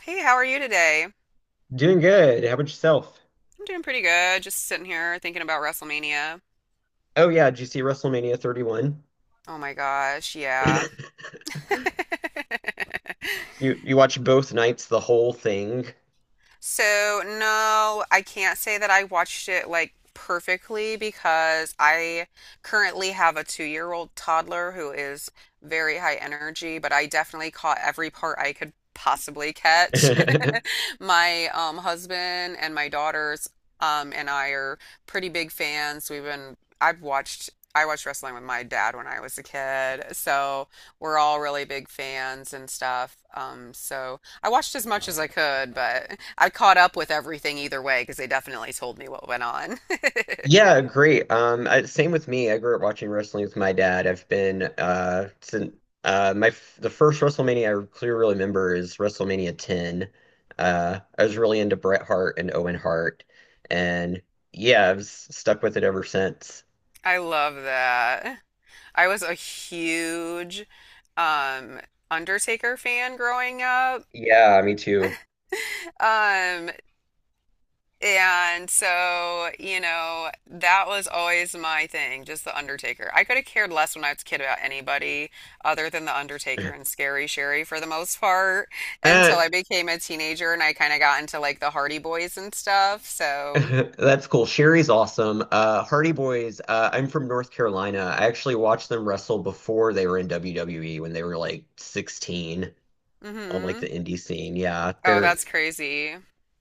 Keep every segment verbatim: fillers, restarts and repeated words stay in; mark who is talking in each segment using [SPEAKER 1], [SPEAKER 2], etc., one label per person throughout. [SPEAKER 1] Hey, how are you today? I'm
[SPEAKER 2] Doing good. How about yourself?
[SPEAKER 1] doing pretty good. Just sitting here thinking about WrestleMania.
[SPEAKER 2] Oh yeah, did you see WrestleMania thirty-one?
[SPEAKER 1] Oh my gosh, yeah.
[SPEAKER 2] You you watched both nights, the whole thing.
[SPEAKER 1] So, no, I can't say that I watched it like perfectly because I currently have a two-year-old toddler who is very high energy, but I definitely caught every part I could possibly catch. My um, husband and my daughters um, and I are pretty big fans. We've been, I've watched. I watched wrestling with my dad when I was a kid, so we're all really big fans and stuff. Um, so I watched as much as I could, but I caught up with everything either way because they definitely told me what went on.
[SPEAKER 2] Yeah, great. Um, I, same with me. I grew up watching wrestling with my dad. I've been uh since uh my f- the first WrestleMania I clearly remember is WrestleMania ten. Uh, I was really into Bret Hart and Owen Hart, and yeah, I've s- stuck with it ever since.
[SPEAKER 1] I love that. I was a huge um Undertaker fan growing up.
[SPEAKER 2] Yeah, me too.
[SPEAKER 1] Um, And so, you know, that was always my thing, just the Undertaker. I could have cared less when I was a kid about anybody other than the Undertaker and Scary Sherry for the most part until I
[SPEAKER 2] Eh,
[SPEAKER 1] became a teenager and I kind of got into like the Hardy Boys and stuff. So,
[SPEAKER 2] that's cool. Sherry's awesome. Uh, Hardy Boys, uh, I'm from North Carolina. I actually watched them wrestle before they were in W W E when they were like sixteen on like the
[SPEAKER 1] hmm.
[SPEAKER 2] indie scene. Yeah,
[SPEAKER 1] Oh,
[SPEAKER 2] they're
[SPEAKER 1] that's crazy.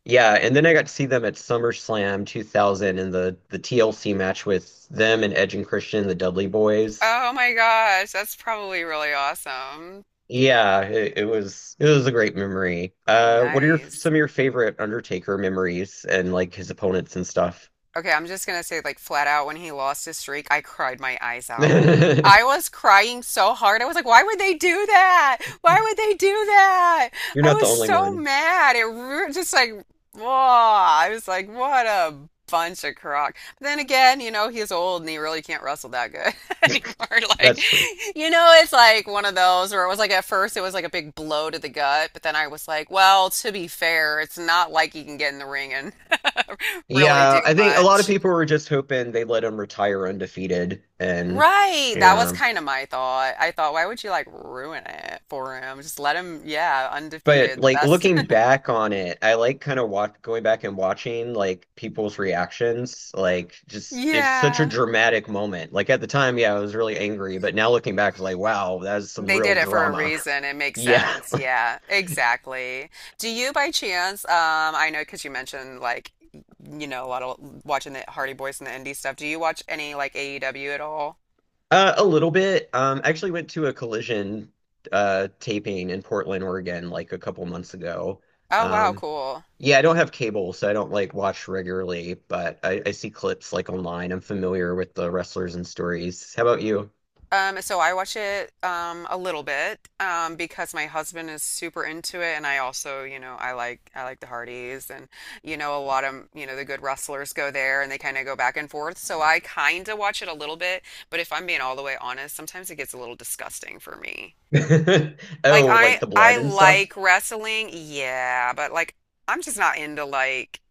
[SPEAKER 2] yeah, and then I got to see them at SummerSlam two thousand in the the T L C match with them and Edge and Christian, the Dudley Boys.
[SPEAKER 1] Oh my gosh, that's probably really awesome.
[SPEAKER 2] Yeah, it, it was it was a great memory. Uh, what are your
[SPEAKER 1] Nice.
[SPEAKER 2] some of your favorite Undertaker memories and like his opponents and stuff?
[SPEAKER 1] Okay, I'm just gonna say, like, flat out, when he lost his streak, I cried my eyes out.
[SPEAKER 2] You're
[SPEAKER 1] I was crying so hard. I was like, why would they do that? Why would they do that? I
[SPEAKER 2] not the
[SPEAKER 1] was
[SPEAKER 2] only
[SPEAKER 1] so
[SPEAKER 2] one.
[SPEAKER 1] mad. It ru just like, whoa. I was like, what a bunch of crock. But then again, you know, he's old and he really can't wrestle that good anymore. Like,
[SPEAKER 2] That's true.
[SPEAKER 1] you know, it's like one of those where it was like, at first, it was like a big blow to the gut. But then I was like, well, to be fair, it's not like he can get in the ring and really
[SPEAKER 2] Yeah,
[SPEAKER 1] do
[SPEAKER 2] I think a lot of
[SPEAKER 1] much.
[SPEAKER 2] people were just hoping they let him retire undefeated, and
[SPEAKER 1] Right. That was
[SPEAKER 2] yeah.
[SPEAKER 1] kind of my thought. I thought, why would you like ruin it for him? Just let him, yeah,
[SPEAKER 2] But
[SPEAKER 1] undefeated, the
[SPEAKER 2] like
[SPEAKER 1] best.
[SPEAKER 2] looking back on it, I like kind of watch going back and watching like people's reactions. Like just it's such a
[SPEAKER 1] Yeah.
[SPEAKER 2] dramatic moment. Like at the time, yeah, I was really angry, but now looking back, it's like, wow, that is some
[SPEAKER 1] They
[SPEAKER 2] real
[SPEAKER 1] did it for a
[SPEAKER 2] drama.
[SPEAKER 1] reason. It makes
[SPEAKER 2] Yeah,
[SPEAKER 1] sense.
[SPEAKER 2] like
[SPEAKER 1] Yeah, exactly. Do you by chance, um, I know because you mentioned like, you know, a lot of watching the Hardy Boys and the indie stuff. Do you watch any like A E W at all?
[SPEAKER 2] uh, a little bit. Um, I actually went to a collision uh taping in Portland, Oregon, like a couple months ago.
[SPEAKER 1] Oh, wow,
[SPEAKER 2] Um,
[SPEAKER 1] cool.
[SPEAKER 2] Yeah, I don't have cable, so I don't like watch regularly, but I, I see clips like online. I'm familiar with the wrestlers and stories. How about you?
[SPEAKER 1] Um, so I watch it um a little bit um because my husband is super into it and I also, you know, I like I like the Hardys and you know a lot of, you know, the good wrestlers go there and they kind of go back and forth. So I kind of watch it a little bit, but if I'm being all the way honest, sometimes it gets a little disgusting for me. Like
[SPEAKER 2] Oh, like
[SPEAKER 1] I
[SPEAKER 2] the blood
[SPEAKER 1] I
[SPEAKER 2] and stuff?
[SPEAKER 1] like wrestling, yeah, but like I'm just not into like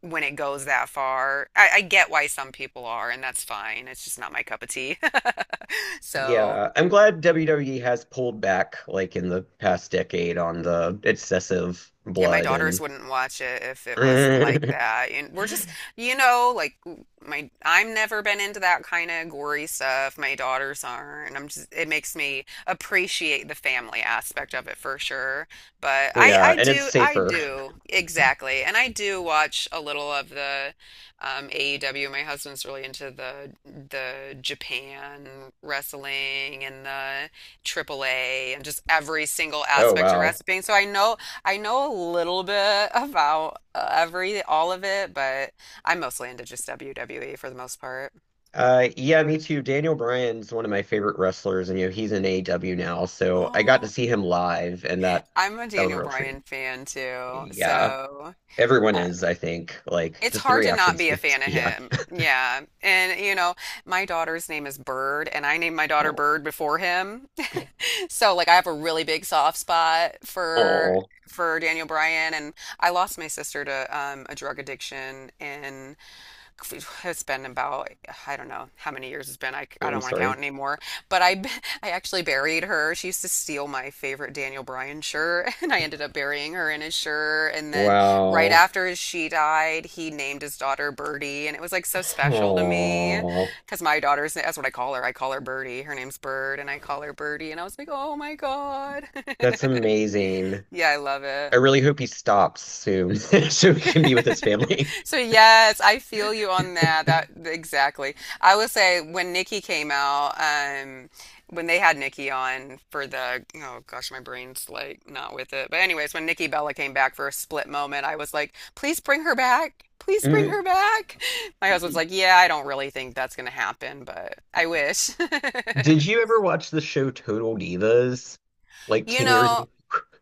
[SPEAKER 1] when it goes that far. I, I get why some people are, and that's fine. It's just not my cup of tea. So
[SPEAKER 2] Yeah, I'm glad W W E has pulled back like in the past decade on the excessive
[SPEAKER 1] yeah, my
[SPEAKER 2] blood
[SPEAKER 1] daughters
[SPEAKER 2] and
[SPEAKER 1] wouldn't watch it if it was like that. And we're just, you know, like my I'm never been into that kind of gory stuff. My daughters aren't. I'm just it makes me appreciate the family aspect of it for sure. But I
[SPEAKER 2] yeah,
[SPEAKER 1] I
[SPEAKER 2] and it's
[SPEAKER 1] do I
[SPEAKER 2] safer.
[SPEAKER 1] do exactly. And I do watch a little of the um A E W. My husband's really into the the Japan wrestling and the triple A and just every single
[SPEAKER 2] Oh
[SPEAKER 1] aspect of
[SPEAKER 2] wow.
[SPEAKER 1] wrestling. So I know I know a little bit about uh, every all of it, but I'm mostly into just W W E for the most part.
[SPEAKER 2] Uh yeah, me too. Daniel Bryan's one of my favorite wrestlers, and you know he's in A E W now, so I got to
[SPEAKER 1] Oh,
[SPEAKER 2] see him live, and that
[SPEAKER 1] I'm a
[SPEAKER 2] that was a
[SPEAKER 1] Daniel
[SPEAKER 2] real treat.
[SPEAKER 1] Bryan fan too,
[SPEAKER 2] Yeah.
[SPEAKER 1] so
[SPEAKER 2] Everyone
[SPEAKER 1] uh,
[SPEAKER 2] is, I think. Like,
[SPEAKER 1] it's
[SPEAKER 2] just the
[SPEAKER 1] hard to not
[SPEAKER 2] reactions.
[SPEAKER 1] be a
[SPEAKER 2] Yes,
[SPEAKER 1] fan of
[SPEAKER 2] yeah.
[SPEAKER 1] him. Yeah, and you know, my daughter's name is Bird, and I named my daughter
[SPEAKER 2] Oh,
[SPEAKER 1] Bird before him, so like I have a really big soft spot for
[SPEAKER 2] oh,
[SPEAKER 1] for Daniel Bryan, and I lost my sister to um, a drug addiction in it's been about I don't know how many years it's been. I, I
[SPEAKER 2] I'm
[SPEAKER 1] don't want to
[SPEAKER 2] sorry.
[SPEAKER 1] count anymore. But I I actually buried her. She used to steal my favorite Daniel Bryan shirt, and I ended up burying her in his shirt. And then right
[SPEAKER 2] Wow.
[SPEAKER 1] after she died, he named his daughter Birdie, and it was like so special to me
[SPEAKER 2] Oh,
[SPEAKER 1] because my daughter's that's what I call her. I call her Birdie. Her name's Bird, and I call her Birdie. And I was like, oh my God.
[SPEAKER 2] that's amazing.
[SPEAKER 1] Yeah, I love
[SPEAKER 2] I
[SPEAKER 1] it.
[SPEAKER 2] really hope he stops soon so he can be with his family.
[SPEAKER 1] So yes, I feel you on that. That exactly. I will say when Nikki came out, um, when they had Nikki on for the oh gosh, my brain's like not with it. But anyways, when Nikki Bella came back for a split moment, I was like, please bring her back. Please bring
[SPEAKER 2] Mm.
[SPEAKER 1] her back. My husband's like, yeah, I don't really think that's gonna happen, but I wish.
[SPEAKER 2] Did you ever watch the show Total Divas like
[SPEAKER 1] You
[SPEAKER 2] ten years
[SPEAKER 1] know,
[SPEAKER 2] ago?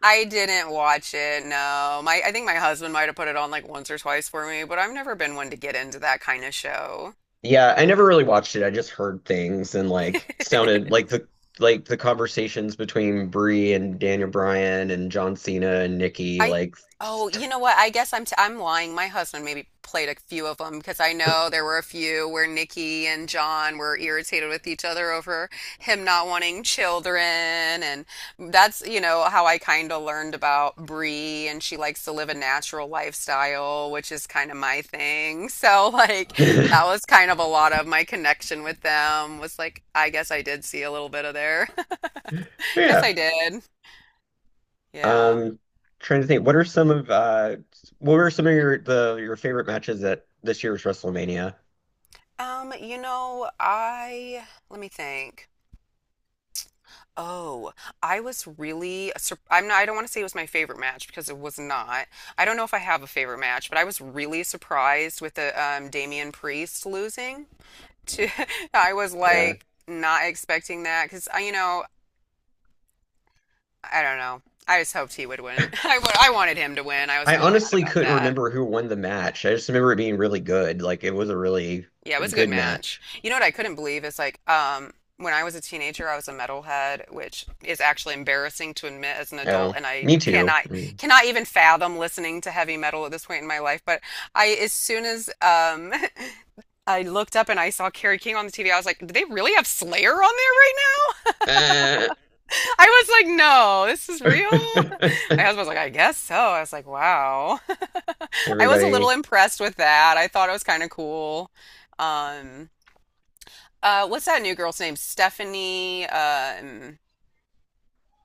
[SPEAKER 1] I didn't watch it, no. My I think my husband might have put it on like once or twice for me, but I've never been one to get into that kind of show.
[SPEAKER 2] Yeah, I never really watched it. I just heard things, and like sounded like the like the conversations between Brie and Daniel Bryan and John Cena and Nikki
[SPEAKER 1] I
[SPEAKER 2] like
[SPEAKER 1] oh, you know what? I guess I'm t I'm lying. My husband maybe played a few of them because I know there were a few where Nikki and John were irritated with each other over him not wanting children, and that's you know how I kind of learned about Bree, and she likes to live a natural lifestyle, which is kind of my thing. So like that was kind of a lot of my connection with them was like I guess I did see a little bit of there. Guess
[SPEAKER 2] yeah.
[SPEAKER 1] I did. Yeah.
[SPEAKER 2] Um, Trying to think, what are some of uh, what were some of your the your favorite matches at this year's WrestleMania?
[SPEAKER 1] Um, you know, I let me think. Oh, I was really sur- I'm not, I don't want to say it was my favorite match because it was not. I don't know if I have a favorite match, but I was really surprised with the um Damian Priest losing to I was
[SPEAKER 2] Yeah.
[SPEAKER 1] like not expecting that because I, you know, I don't know. I just hoped he would win. I wa- I wanted him to win. I was
[SPEAKER 2] I
[SPEAKER 1] a little mad
[SPEAKER 2] honestly
[SPEAKER 1] about
[SPEAKER 2] couldn't
[SPEAKER 1] that.
[SPEAKER 2] remember who won the match. I just remember it being really good. Like it was a really
[SPEAKER 1] Yeah, it was a good
[SPEAKER 2] good
[SPEAKER 1] match.
[SPEAKER 2] match.
[SPEAKER 1] You know what I couldn't believe is like um when I was a teenager, I was a metalhead, which is actually embarrassing to admit as an adult,
[SPEAKER 2] Oh,
[SPEAKER 1] and I
[SPEAKER 2] me too.
[SPEAKER 1] cannot
[SPEAKER 2] Mm.
[SPEAKER 1] cannot even fathom listening to heavy metal at this point in my life. But I, as soon as um I looked up and I saw Carrie King on the T V, I was like, "Do they really have Slayer on there right now?"
[SPEAKER 2] Uh,
[SPEAKER 1] I was like, "No, this is real." My husband was like, "I guess so." I was like, "Wow." I was a little
[SPEAKER 2] everybody.
[SPEAKER 1] impressed with that. I thought it was kind of cool. Um, Uh, what's that new girl's name? Stephanie, um,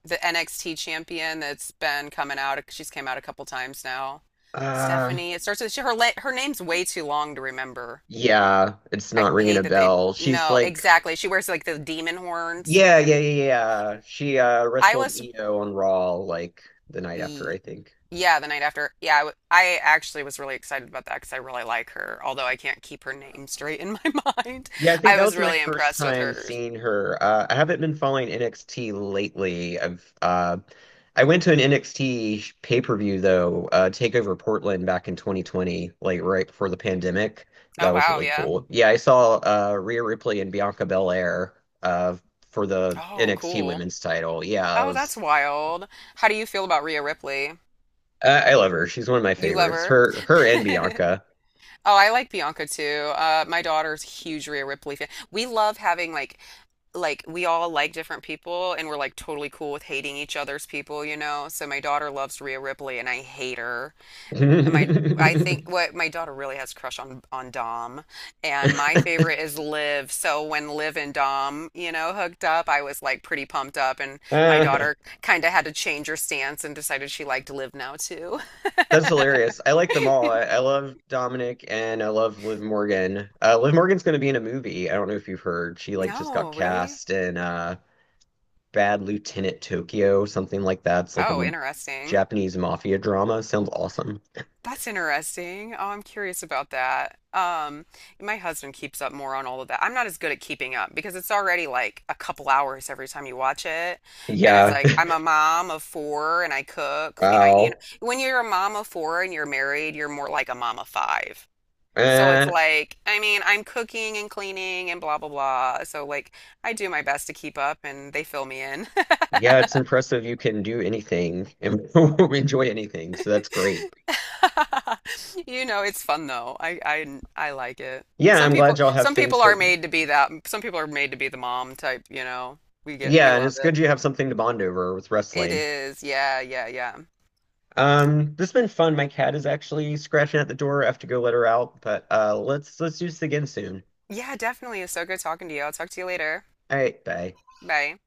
[SPEAKER 1] the N X T champion that's been coming out. She's came out a couple times now.
[SPEAKER 2] Uh,
[SPEAKER 1] Stephanie. It starts with she, her. La- Her name's way too long to remember.
[SPEAKER 2] yeah, it's
[SPEAKER 1] I
[SPEAKER 2] not ringing a
[SPEAKER 1] hate that they.
[SPEAKER 2] bell. She's
[SPEAKER 1] No,
[SPEAKER 2] like,
[SPEAKER 1] exactly. She wears like the demon horns.
[SPEAKER 2] yeah, yeah, yeah, yeah. She uh
[SPEAKER 1] I
[SPEAKER 2] wrestled
[SPEAKER 1] was.
[SPEAKER 2] Io on Raw like the night after,
[SPEAKER 1] y-
[SPEAKER 2] I think.
[SPEAKER 1] Yeah, the night after. Yeah, I, w- I actually was really excited about that because I really like her. Although I can't keep her name straight in my mind,
[SPEAKER 2] Yeah, I think
[SPEAKER 1] I
[SPEAKER 2] that
[SPEAKER 1] was
[SPEAKER 2] was my
[SPEAKER 1] really
[SPEAKER 2] first
[SPEAKER 1] impressed with
[SPEAKER 2] time
[SPEAKER 1] her.
[SPEAKER 2] seeing her. Uh, I haven't been following N X T lately. I've uh, I went to an N X T pay-per-view though, uh, Takeover Portland back in twenty twenty, like right before the pandemic.
[SPEAKER 1] Oh
[SPEAKER 2] That was
[SPEAKER 1] wow,
[SPEAKER 2] really
[SPEAKER 1] yeah.
[SPEAKER 2] cool. Yeah, I saw uh, Rhea Ripley and Bianca Belair uh, for the
[SPEAKER 1] Oh,
[SPEAKER 2] N X T
[SPEAKER 1] cool.
[SPEAKER 2] Women's title. Yeah, I
[SPEAKER 1] Oh, that's
[SPEAKER 2] was.
[SPEAKER 1] wild. How do you feel about Rhea Ripley?
[SPEAKER 2] I, I love her. She's one of my
[SPEAKER 1] You love
[SPEAKER 2] favorites.
[SPEAKER 1] her?
[SPEAKER 2] Her her and Bianca.
[SPEAKER 1] Oh, I like Bianca too. Uh, my daughter's a huge Rhea Ripley fan. We love having like like we all like different people and we're like totally cool with hating each other's people, you know? So my daughter loves Rhea Ripley and I hate her. My, I think what my daughter really has a crush on on Dom, and my favorite is Liv. So when Liv and Dom, you know, hooked up, I was like pretty pumped up, and my
[SPEAKER 2] Uh,
[SPEAKER 1] daughter kind of had to change her stance and decided she liked Liv now too.
[SPEAKER 2] that's hilarious. I like them all. I, I love Dominic and I love Liv Morgan. Uh, Liv Morgan's going to be in a movie. I don't know if you've heard. She like just got
[SPEAKER 1] No, really?
[SPEAKER 2] cast in uh, Bad Lieutenant Tokyo, something like that. It's like a
[SPEAKER 1] Oh,
[SPEAKER 2] m-
[SPEAKER 1] interesting.
[SPEAKER 2] Japanese mafia drama. Sounds awesome.
[SPEAKER 1] That's interesting. Oh, I'm curious about that. Um, my husband keeps up more on all of that. I'm not as good at keeping up because it's already like a couple hours every time you watch it. And it's
[SPEAKER 2] Yeah.
[SPEAKER 1] like I'm a mom of four and I cook and I, you know,
[SPEAKER 2] Wow.
[SPEAKER 1] when you're a mom of four and you're married, you're more like a mom of five. So it's
[SPEAKER 2] Uh,
[SPEAKER 1] like, I mean, I'm cooking and cleaning and blah blah blah. So like I do my best to keep up and they fill me in.
[SPEAKER 2] yeah, it's impressive you can do anything and enjoy anything. So that's great.
[SPEAKER 1] You know, it's fun though. I, I I like it.
[SPEAKER 2] Yeah,
[SPEAKER 1] Some
[SPEAKER 2] I'm glad
[SPEAKER 1] people
[SPEAKER 2] y'all have
[SPEAKER 1] some
[SPEAKER 2] things
[SPEAKER 1] people are
[SPEAKER 2] that.
[SPEAKER 1] made to be that. Some people are made to be the mom type, you know. We get we
[SPEAKER 2] Yeah, and
[SPEAKER 1] love
[SPEAKER 2] it's
[SPEAKER 1] it.
[SPEAKER 2] good you have something to bond over with
[SPEAKER 1] It
[SPEAKER 2] wrestling.
[SPEAKER 1] is. Yeah, yeah, yeah.
[SPEAKER 2] Um, this has been fun. My cat is actually scratching at the door. I have to go let her out, but uh let's let's do this again soon.
[SPEAKER 1] Yeah, definitely. It's so good talking to you. I'll talk to you later.
[SPEAKER 2] All right, bye.
[SPEAKER 1] Bye.